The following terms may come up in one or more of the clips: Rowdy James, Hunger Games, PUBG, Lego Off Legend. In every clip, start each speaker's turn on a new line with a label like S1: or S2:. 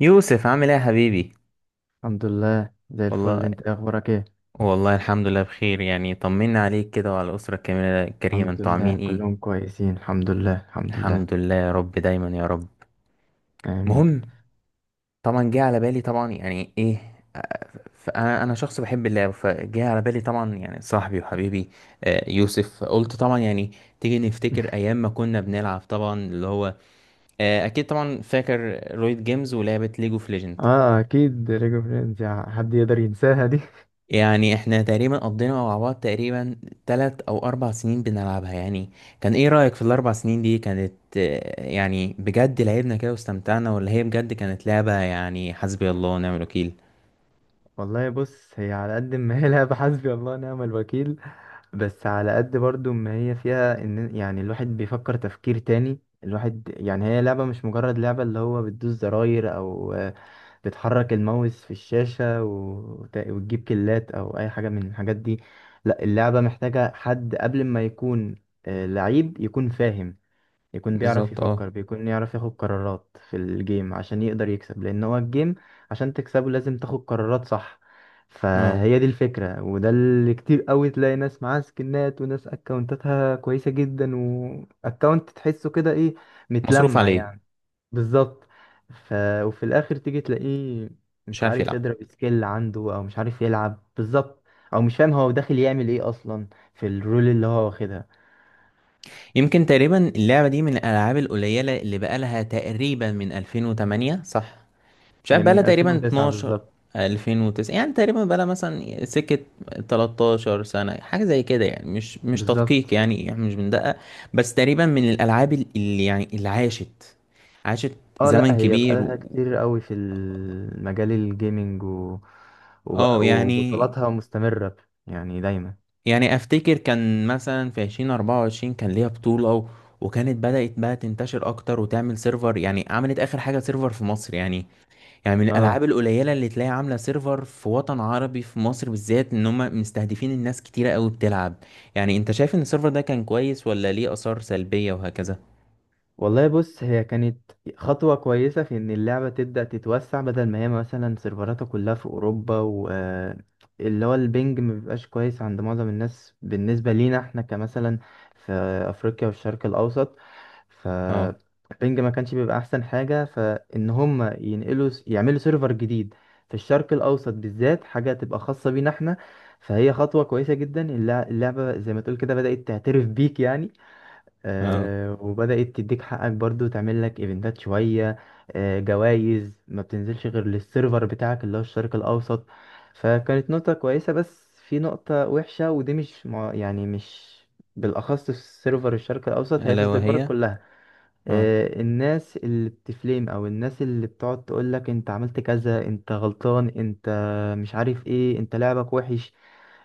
S1: يوسف عامل ايه يا حبيبي.
S2: الحمد لله زي الفل.
S1: والله
S2: انت ايه اخبارك ايه؟
S1: والله الحمد لله بخير. يعني طمنا عليك كده وعلى الأسرة الكاملة الكريمة،
S2: الحمد
S1: انتوا عاملين
S2: لله
S1: ايه؟
S2: كلهم كويسين، الحمد لله الحمد لله.
S1: الحمد لله يا رب، دايما يا رب.
S2: امين.
S1: مهم، طبعا جه على بالي طبعا يعني ايه، فانا شخص بحب اللعب، فجه على بالي طبعا يعني صاحبي وحبيبي. يوسف، قلت طبعا يعني تيجي نفتكر ايام ما كنا بنلعب طبعا اللي هو اكيد طبعا، فاكر رويد جيمز ولعبة ليجو اوف ليجند؟
S2: اه اكيد، ليجو فريندز، يا حد يقدر ينساها دي؟
S1: يعني احنا تقريبا قضينا مع بعض تقريبا 3 او 4 سنين بنلعبها يعني. كان ايه رأيك في ال4 سنين دي؟ كانت يعني بجد لعبنا كده واستمتعنا، ولا هي بجد كانت لعبة يعني حسبي الله ونعم الوكيل؟
S2: والله بص، هي على قد ما هي لعبة حسبي الله ونعم الوكيل، بس على قد برضو ما هي فيها ان يعني الواحد بيفكر تفكير تاني. الواحد يعني هي لعبة مش مجرد لعبة اللي هو بتدوس زراير او بتحرك الماوس في الشاشة وتجيب كلات او اي حاجة من الحاجات دي. لا، اللعبة محتاجة حد قبل ما يكون لعيب، يكون فاهم، يكون بيعرف
S1: بالظبط اه.
S2: يفكر، بيكون يعرف ياخد قرارات في الجيم عشان يقدر يكسب، لان هو الجيم عشان تكسبه لازم تاخد قرارات صح.
S1: اه،
S2: فهي دي الفكرة، وده اللي كتير قوي تلاقي ناس معاها سكنات، وناس اكونتاتها كويسة جدا، واكونت تحسه كده ايه،
S1: مصروف
S2: متلمع
S1: عليه.
S2: يعني. بالظبط. ف... وفي الاخر تيجي تلاقيه
S1: مش
S2: مش
S1: عارف
S2: عارف
S1: يلعب.
S2: يضرب سكيل عنده، او مش عارف يلعب بالظبط، او مش فاهم هو داخل يعمل ايه اصلا في الرول اللي هو واخدها.
S1: يمكن تقريبا اللعبة دي من الالعاب القليلة اللي بقالها تقريبا من 2008، صح؟ مش
S2: يعني
S1: عارف بقالها
S2: من
S1: تقريبا
S2: 2009
S1: 12
S2: بالظبط.
S1: 2009 يعني. تقريبا بقالها مثلا سكة 13 سنة، حاجة زي كده يعني، مش تدقيق
S2: بالظبط،
S1: يعني مش بندقق. بس تقريبا من الألعاب اللي يعني اللي عاشت
S2: اه. لا،
S1: زمن
S2: هي
S1: كبير
S2: بقالها كتير قوي في المجال الجيمنج،
S1: اه يعني.
S2: وبطولاتها مستمرة، يعني دايما.
S1: أفتكر كان مثلا في 2024 كان ليها بطولة وكانت بدأت بقى تنتشر أكتر وتعمل سيرفر. يعني عملت آخر حاجة سيرفر في مصر يعني. يعني من
S2: اه.
S1: الالعاب القليله اللي تلاقي عامله سيرفر في وطن عربي، في مصر بالذات، ان هم مستهدفين الناس كتيره قوي بتلعب. يعني انت شايف ان السيرفر ده كان كويس، ولا ليه اثار سلبيه وهكذا؟
S2: والله بص، هي كانت خطوة كويسة في ان اللعبة تبدأ تتوسع، بدل ما هي مثلا سيرفراتها كلها في اوروبا و اللي هو البنج مبيبقاش كويس عند معظم الناس بالنسبة لينا احنا، كمثلا في افريقيا والشرق الاوسط.
S1: اه.
S2: فالبنج ما كانش بيبقى احسن حاجه، فان هم ينقلوا يعملوا سيرفر جديد في الشرق الاوسط بالذات، حاجه تبقى خاصه بينا احنا. فهي خطوه كويسه جدا، اللعبه زي ما تقول كده بدات تعترف بيك يعني،
S1: اه،
S2: آه، وبدات تديك حقك برضو، تعمل لك ايفنتات شويه، جوائز ما بتنزلش غير للسيرفر بتاعك اللي هو الشرق الاوسط. فكانت نقطه كويسه، بس في نقطه وحشه، ودي مش يعني مش بالاخص في سيرفر الشرق الاوسط، هي في
S1: الا
S2: السيرفر
S1: وهي.
S2: كلها.
S1: اه،
S2: الناس اللي بتفليم، او الناس اللي بتقعد تقولك انت عملت كذا، انت غلطان، انت مش عارف ايه، انت لعبك وحش.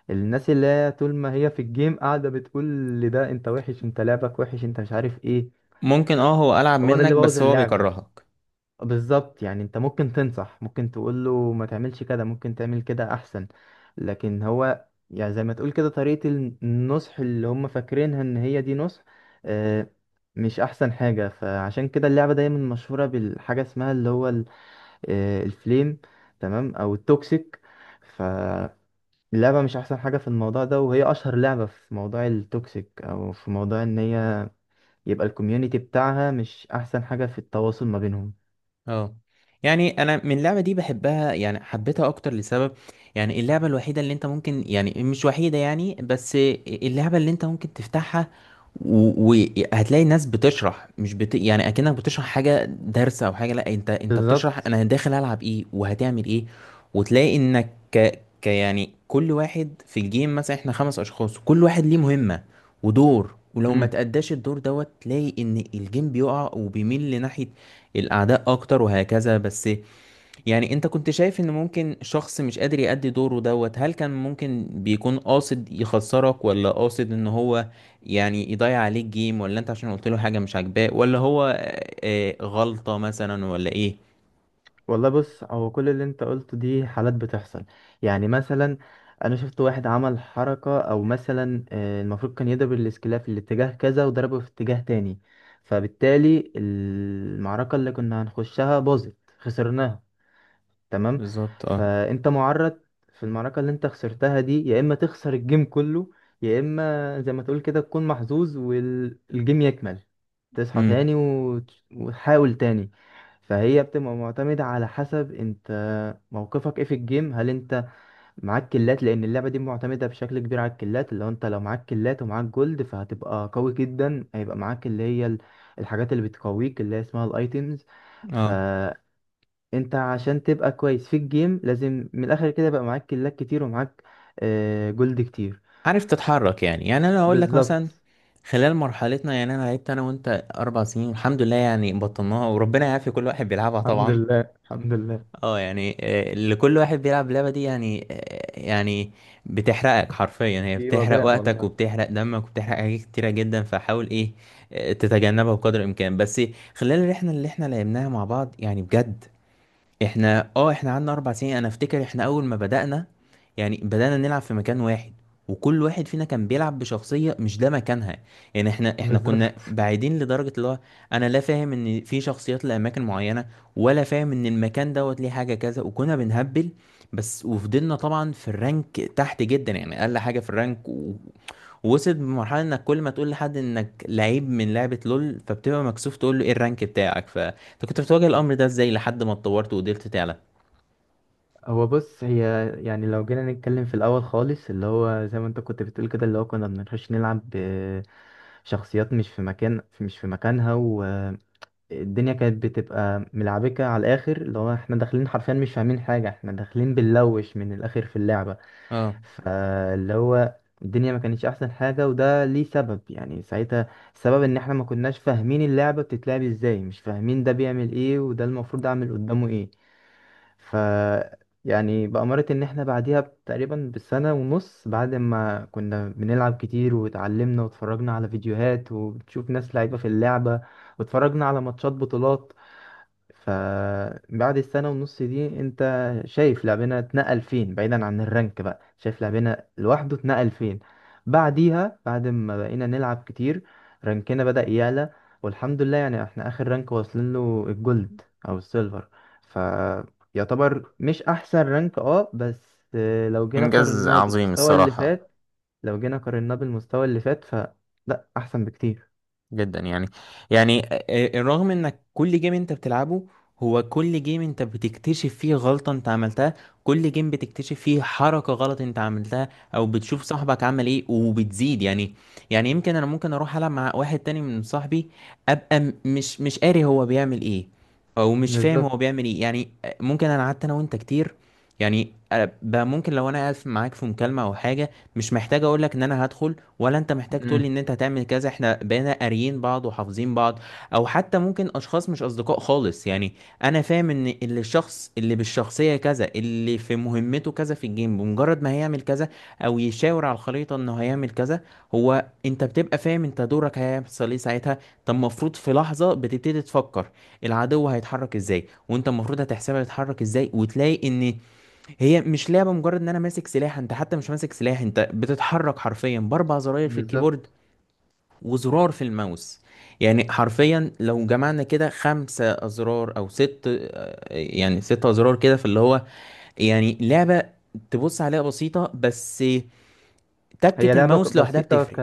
S2: الناس اللي هي طول ما هي في الجيم قاعدة بتقول لده انت وحش، انت لعبك وحش، انت مش عارف ايه.
S1: ممكن اه، هو العب
S2: هو ده
S1: منك
S2: اللي بوظ
S1: بس هو
S2: اللعبة.
S1: بيكرهك.
S2: بالظبط، يعني انت ممكن تنصح، ممكن تقول له ما تعملش كده، ممكن تعمل كده احسن، لكن هو يعني زي ما تقول كده طريقة النصح اللي هم فاكرينها ان هي دي نصح، آه، مش احسن حاجة. فعشان كده اللعبة دايما مشهورة بالحاجة اسمها اللي هو الفليم، تمام، او التوكسيك. فاللعبة مش احسن حاجة في الموضوع ده، وهي اشهر لعبة في موضوع التوكسيك، او في موضوع ان هي يبقى الكوميونيتي بتاعها مش احسن حاجة في التواصل ما بينهم.
S1: اه يعني انا من اللعبه دي بحبها، يعني حبيتها اكتر لسبب. يعني اللعبه الوحيده اللي انت ممكن، يعني مش وحيده يعني بس، اللعبه اللي انت ممكن تفتحها وهتلاقي ناس بتشرح، مش بت... يعني اكنك بتشرح حاجه درس او حاجه، لا انت انت بتشرح
S2: بالظبط.
S1: انا داخل العب ايه وهتعمل ايه. وتلاقي انك ك يعني كل واحد في الجيم، مثلا احنا 5 اشخاص، كل واحد ليه مهمه ودور، ولو ما تأداش الدور دوت تلاقي ان الجيم بيقع وبيميل لناحية الأعداء أكتر وهكذا. بس يعني أنت كنت شايف إن ممكن شخص مش قادر يأدي دوره دوت، هل كان ممكن بيكون قاصد يخسرك، ولا قاصد إن هو يعني يضيع عليك جيم، ولا أنت عشان قلت له حاجة مش عاجباه، ولا هو غلطة مثلا، ولا إيه؟
S2: والله بص، هو كل اللي انت قلته دي حالات بتحصل. يعني مثلا انا شفت واحد عمل حركة، او مثلا المفروض كان يضرب الاسكلية في الاتجاه كذا وضربه في اتجاه تاني، فبالتالي المعركة اللي كنا هنخشها باظت خسرناها. تمام.
S1: بالظبط أه.
S2: فانت معرض في المعركة اللي انت خسرتها دي، يا اما تخسر الجيم كله، يا اما زي ما تقول كده تكون محظوظ والجيم يكمل، تصحى
S1: أمم،
S2: تاني وتحاول تاني. فهي بتبقى معتمدة على حسب انت موقفك ايه في الجيم، هل انت معاك كلات؟ لان اللعبة دي معتمدة بشكل كبير على الكلات، اللي هو انت لو معاك كلات ومعاك جولد فهتبقى قوي جدا، هيبقى معاك اللي هي الحاجات اللي بتقويك اللي هي اسمها الايتيمز.
S1: أه،
S2: انت عشان تبقى كويس في الجيم لازم من الاخر كده يبقى معاك كلاك كتير ومعاك جولد كتير.
S1: عارف تتحرك يعني. يعني أنا هقول لك مثلا
S2: بالظبط.
S1: خلال مرحلتنا، يعني أنا لعبت أنا وأنت 4 سنين، والحمد لله يعني بطلناها وربنا يعافي كل واحد بيلعبها
S2: الحمد
S1: طبعا.
S2: لله الحمد لله.
S1: اه يعني، اللي كل واحد بيلعب اللعبة دي يعني يعني بتحرقك حرفيا، هي
S2: دي
S1: بتحرق
S2: وباء
S1: وقتك
S2: والله.
S1: وبتحرق دمك وبتحرق حاجات كتيرة جدا، فحاول ايه تتجنبها بقدر الامكان. بس خلال الرحلة اللي احنا لعبناها مع بعض يعني بجد، احنا قعدنا 4 سنين. انا افتكر احنا اول ما بدأنا يعني بدأنا نلعب في مكان واحد، وكل واحد فينا كان بيلعب بشخصية مش ده مكانها. يعني احنا كنا
S2: بالظبط.
S1: بعيدين لدرجة اللي هو انا لا فاهم ان في شخصيات لأماكن معينة، ولا فاهم ان المكان دوت ليه حاجة كذا، وكنا بنهبل بس. وفضلنا طبعا في الرانك تحت جدا، يعني اقل حاجة في الرانك وصلت بمرحلة انك كل ما تقول لحد انك لعيب من لعبة لول فبتبقى مكسوف تقول له ايه الرانك بتاعك. فانت كنت بتواجه الامر ده ازاي لحد ما اتطورت وقدرت تعلى؟
S2: هو بص هي، يعني لو جينا نتكلم في الاول خالص، اللي هو زي ما انت كنت بتقول كده، اللي هو كنا بنخش نلعب شخصيات مش في مكان، مش في مكانها، والدنيا كانت بتبقى ملعبكة على الاخر، اللي هو احنا داخلين حرفيا مش فاهمين حاجة، احنا داخلين بنلوش من الاخر في اللعبة.
S1: اه،
S2: فاللي هو الدنيا ما كانتش احسن حاجة، وده ليه سبب، يعني ساعتها السبب ان احنا ما كناش فاهمين اللعبة بتتلعب ازاي، مش فاهمين ده بيعمل ايه، وده المفروض اعمل قدامه ايه. ف يعني بأمارة ان احنا بعديها تقريبا بسنة ونص، بعد ما كنا بنلعب كتير واتعلمنا واتفرجنا على فيديوهات وبتشوف ناس لعيبة في اللعبة واتفرجنا على ماتشات بطولات، فبعد السنة ونص دي انت شايف لاعبنا اتنقل فين، بعيدا عن الرانك، بقى شايف لاعبنا لوحده اتنقل فين. بعديها بعد ما بقينا نلعب كتير، رانكنا بدأ يعلى. والحمد لله يعني احنا اخر رانك واصلين له الجولد او السيلفر، فيعتبر مش احسن رانك، اه، بس لو جينا
S1: إنجاز
S2: قارناه
S1: عظيم
S2: بالمستوى اللي
S1: الصراحة،
S2: فات، لو جينا قارناه بالمستوى اللي فات فلا، احسن بكتير.
S1: جدا يعني. يعني الرغم انك كل جيم انت بتلعبه، هو كل جيم انت بتكتشف فيه غلطة انت عملتها، كل جيم بتكتشف فيه حركة غلط انت عملتها، او بتشوف صاحبك عمل ايه وبتزيد يعني. يعني يمكن انا ممكن اروح العب مع واحد تاني من صاحبي، ابقى مش قاري هو بيعمل ايه، او مش فاهم هو
S2: بالظبط.
S1: بيعمل ايه. يعني ممكن انا قعدت انا وانت كتير، يعني بقى ممكن لو انا قاعد معاك في مكالمة او حاجة، مش محتاج اقولك ان انا هدخل، ولا انت محتاج تقول لي
S2: مم.
S1: ان انت هتعمل كذا، احنا بقينا قاريين بعض وحافظين بعض. او حتى ممكن اشخاص مش اصدقاء خالص يعني، انا فاهم ان اللي الشخص اللي بالشخصيه كذا اللي في مهمته كذا في الجيم، بمجرد ما هيعمل كذا او يشاور على الخريطه انه هيعمل كذا، هو انت بتبقى فاهم انت دورك هيحصل ايه ساعتها. طب المفروض في لحظه بتبتدي تفكر العدو هيتحرك ازاي، وانت المفروض هتحسبها يتحرك ازاي، وتلاقي ان هي مش لعبة مجرد ان انا ماسك سلاح. انت حتى مش ماسك سلاح، انت بتتحرك حرفيا ب4 زراير في الكيبورد
S2: بالظبط.
S1: وزرار في الماوس. يعني حرفيا لو جمعنا كده 5 أزرار أو ست يعني 6 أزرار كده في اللي هو، يعني لعبة تبص عليها بسيطة، بس
S2: هي
S1: تكة
S2: لعبة ك-
S1: الماوس لوحدها
S2: بسيطة
S1: بتفرق.
S2: ك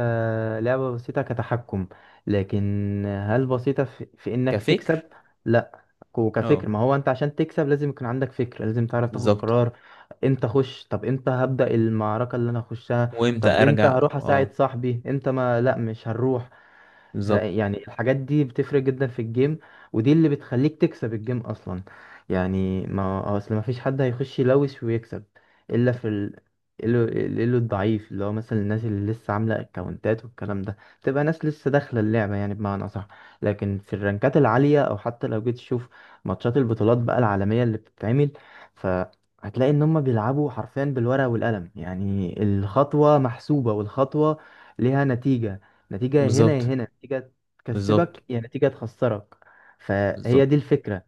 S2: لعبة بسيطة كتحكم، لكن هل بسيطة في إنك تكسب؟
S1: كفكر،
S2: لا.
S1: اه،
S2: كفكر، ما هو أنت عشان تكسب لازم يكون عندك فكر، لازم تعرف تاخد
S1: بالظبط.
S2: قرار. امتى أخش؟ طب امتى هبدأ المعركة اللي أنا هخشها؟
S1: وامتى
S2: طب امتى
S1: ارجع،
S2: هروح
S1: اه،
S2: أساعد صاحبي؟ امتى ما لا، مش هنروح.
S1: بالظبط.
S2: فيعني الحاجات دي بتفرق جدا في الجيم، ودي اللي بتخليك تكسب الجيم اصلا. يعني ما اصل ما فيش حد هيخش يلوش ويكسب الا في ال... الا إلا الضعيف، اللي هو مثلا الناس اللي لسه عامله اكونتات والكلام ده، تبقى ناس لسه داخله اللعبه يعني، بمعنى صح. لكن في الرانكات العاليه، او حتى لو جيت تشوف ماتشات البطولات بقى العالميه اللي بتتعمل، ف هتلاقي ان هم بيلعبوا حرفيا بالورقه والقلم، يعني الخطوه محسوبه، والخطوه ليها نتيجة، يا هنا يا
S1: بالظبط.
S2: هنا نتيجة
S1: بالظبط.
S2: تكسبك، يا نتيجة تخسرك. فهي
S1: بالظبط.
S2: دي الفكرة.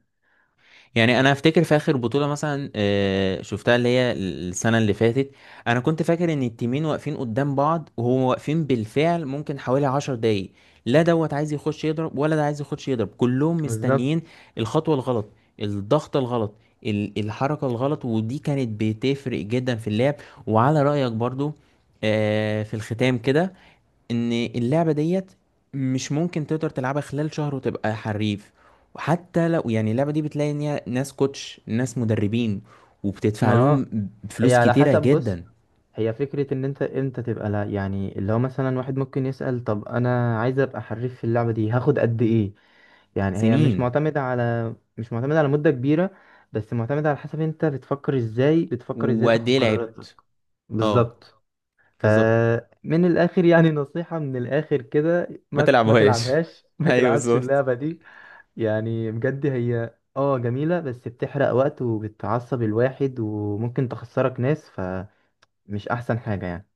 S1: يعني انا افتكر في اخر بطوله مثلا شفتها، اللي هي السنه اللي فاتت، انا كنت فاكر ان التيمين واقفين قدام بعض، وهو واقفين بالفعل ممكن حوالي 10 دقايق، لا دوت عايز يخش يضرب ولا ده عايز يخش يضرب، كلهم
S2: بالظبط.
S1: مستنيين. الخطوه الغلط، الضغط الغلط، الحركه الغلط، ودي كانت بتفرق جدا في اللعب. وعلى رايك برضو، في الختام كده، ان اللعبة ديت مش ممكن تقدر تلعبها خلال شهر وتبقى حريف. وحتى لو يعني اللعبة دي بتلاقي ان هي ناس كوتش ناس مدربين، وبتدفع
S2: ما
S1: لهم
S2: هي
S1: فلوس
S2: على
S1: كتيرة
S2: حسب بص،
S1: جدا.
S2: هي فكرة ان انت امتى تبقى، لا يعني اللي هو مثلا واحد ممكن يسأل طب انا عايز ابقى حريف في اللعبة دي هاخد قد ايه؟ يعني هي مش
S1: سنين،
S2: معتمدة على مش معتمدة على مدة كبيرة، بس معتمدة على حسب انت بتفكر ازاي، بتفكر ازاي
S1: وقد
S2: تاخد
S1: ايه
S2: قراراتك.
S1: لعبت. اه،
S2: بالظبط.
S1: بالظبط.
S2: فمن الاخر يعني نصيحة من الاخر كده،
S1: ما
S2: ما
S1: تلعبوهاش
S2: تلعبهاش ما
S1: ايوه
S2: تلعبش
S1: بالظبط.
S2: اللعبة دي. يعني بجد هي اه جميلة بس بتحرق وقت وبتعصب الواحد وممكن تخسرك ناس، فمش أحسن حاجة يعني.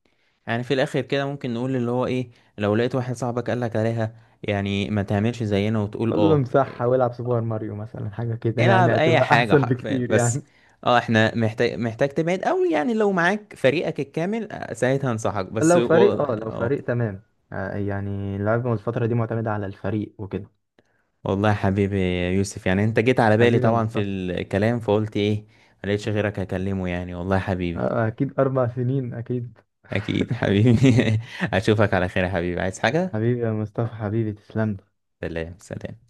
S1: يعني في الاخر كده ممكن نقول اللي هو ايه، لو لقيت واحد صاحبك قالك عليها، يعني ما تعملش زينا وتقول
S2: قول له
S1: اه.
S2: امسحها والعب سوبر ماريو مثلا، حاجة كده
S1: العب
S2: يعني
S1: اي
S2: هتبقى
S1: حاجه
S2: أحسن
S1: حرفيا
S2: بكتير
S1: بس.
S2: يعني.
S1: اه، احنا محتاج تبعد قوي يعني. لو معاك فريقك الكامل ساعتها انصحك، بس
S2: لو فريق،
S1: والله
S2: اه، لو
S1: اه.
S2: فريق تمام، يعني اللعبة الفترة دي معتمدة على الفريق وكده.
S1: والله يا حبيبي يا يوسف، يعني انت جيت على بالي
S2: حبيبي يا
S1: طبعا في
S2: مصطفى.
S1: الكلام فقلت ايه، ما لقيتش غيرك اكلمه يعني. والله يا حبيبي،
S2: أكيد أربع سنين، أكيد.
S1: اكيد حبيبي اشوفك على خير يا حبيبي، عايز حاجه؟
S2: حبيبي يا مصطفى، حبيبي تسلم لي.
S1: سلام، سلام.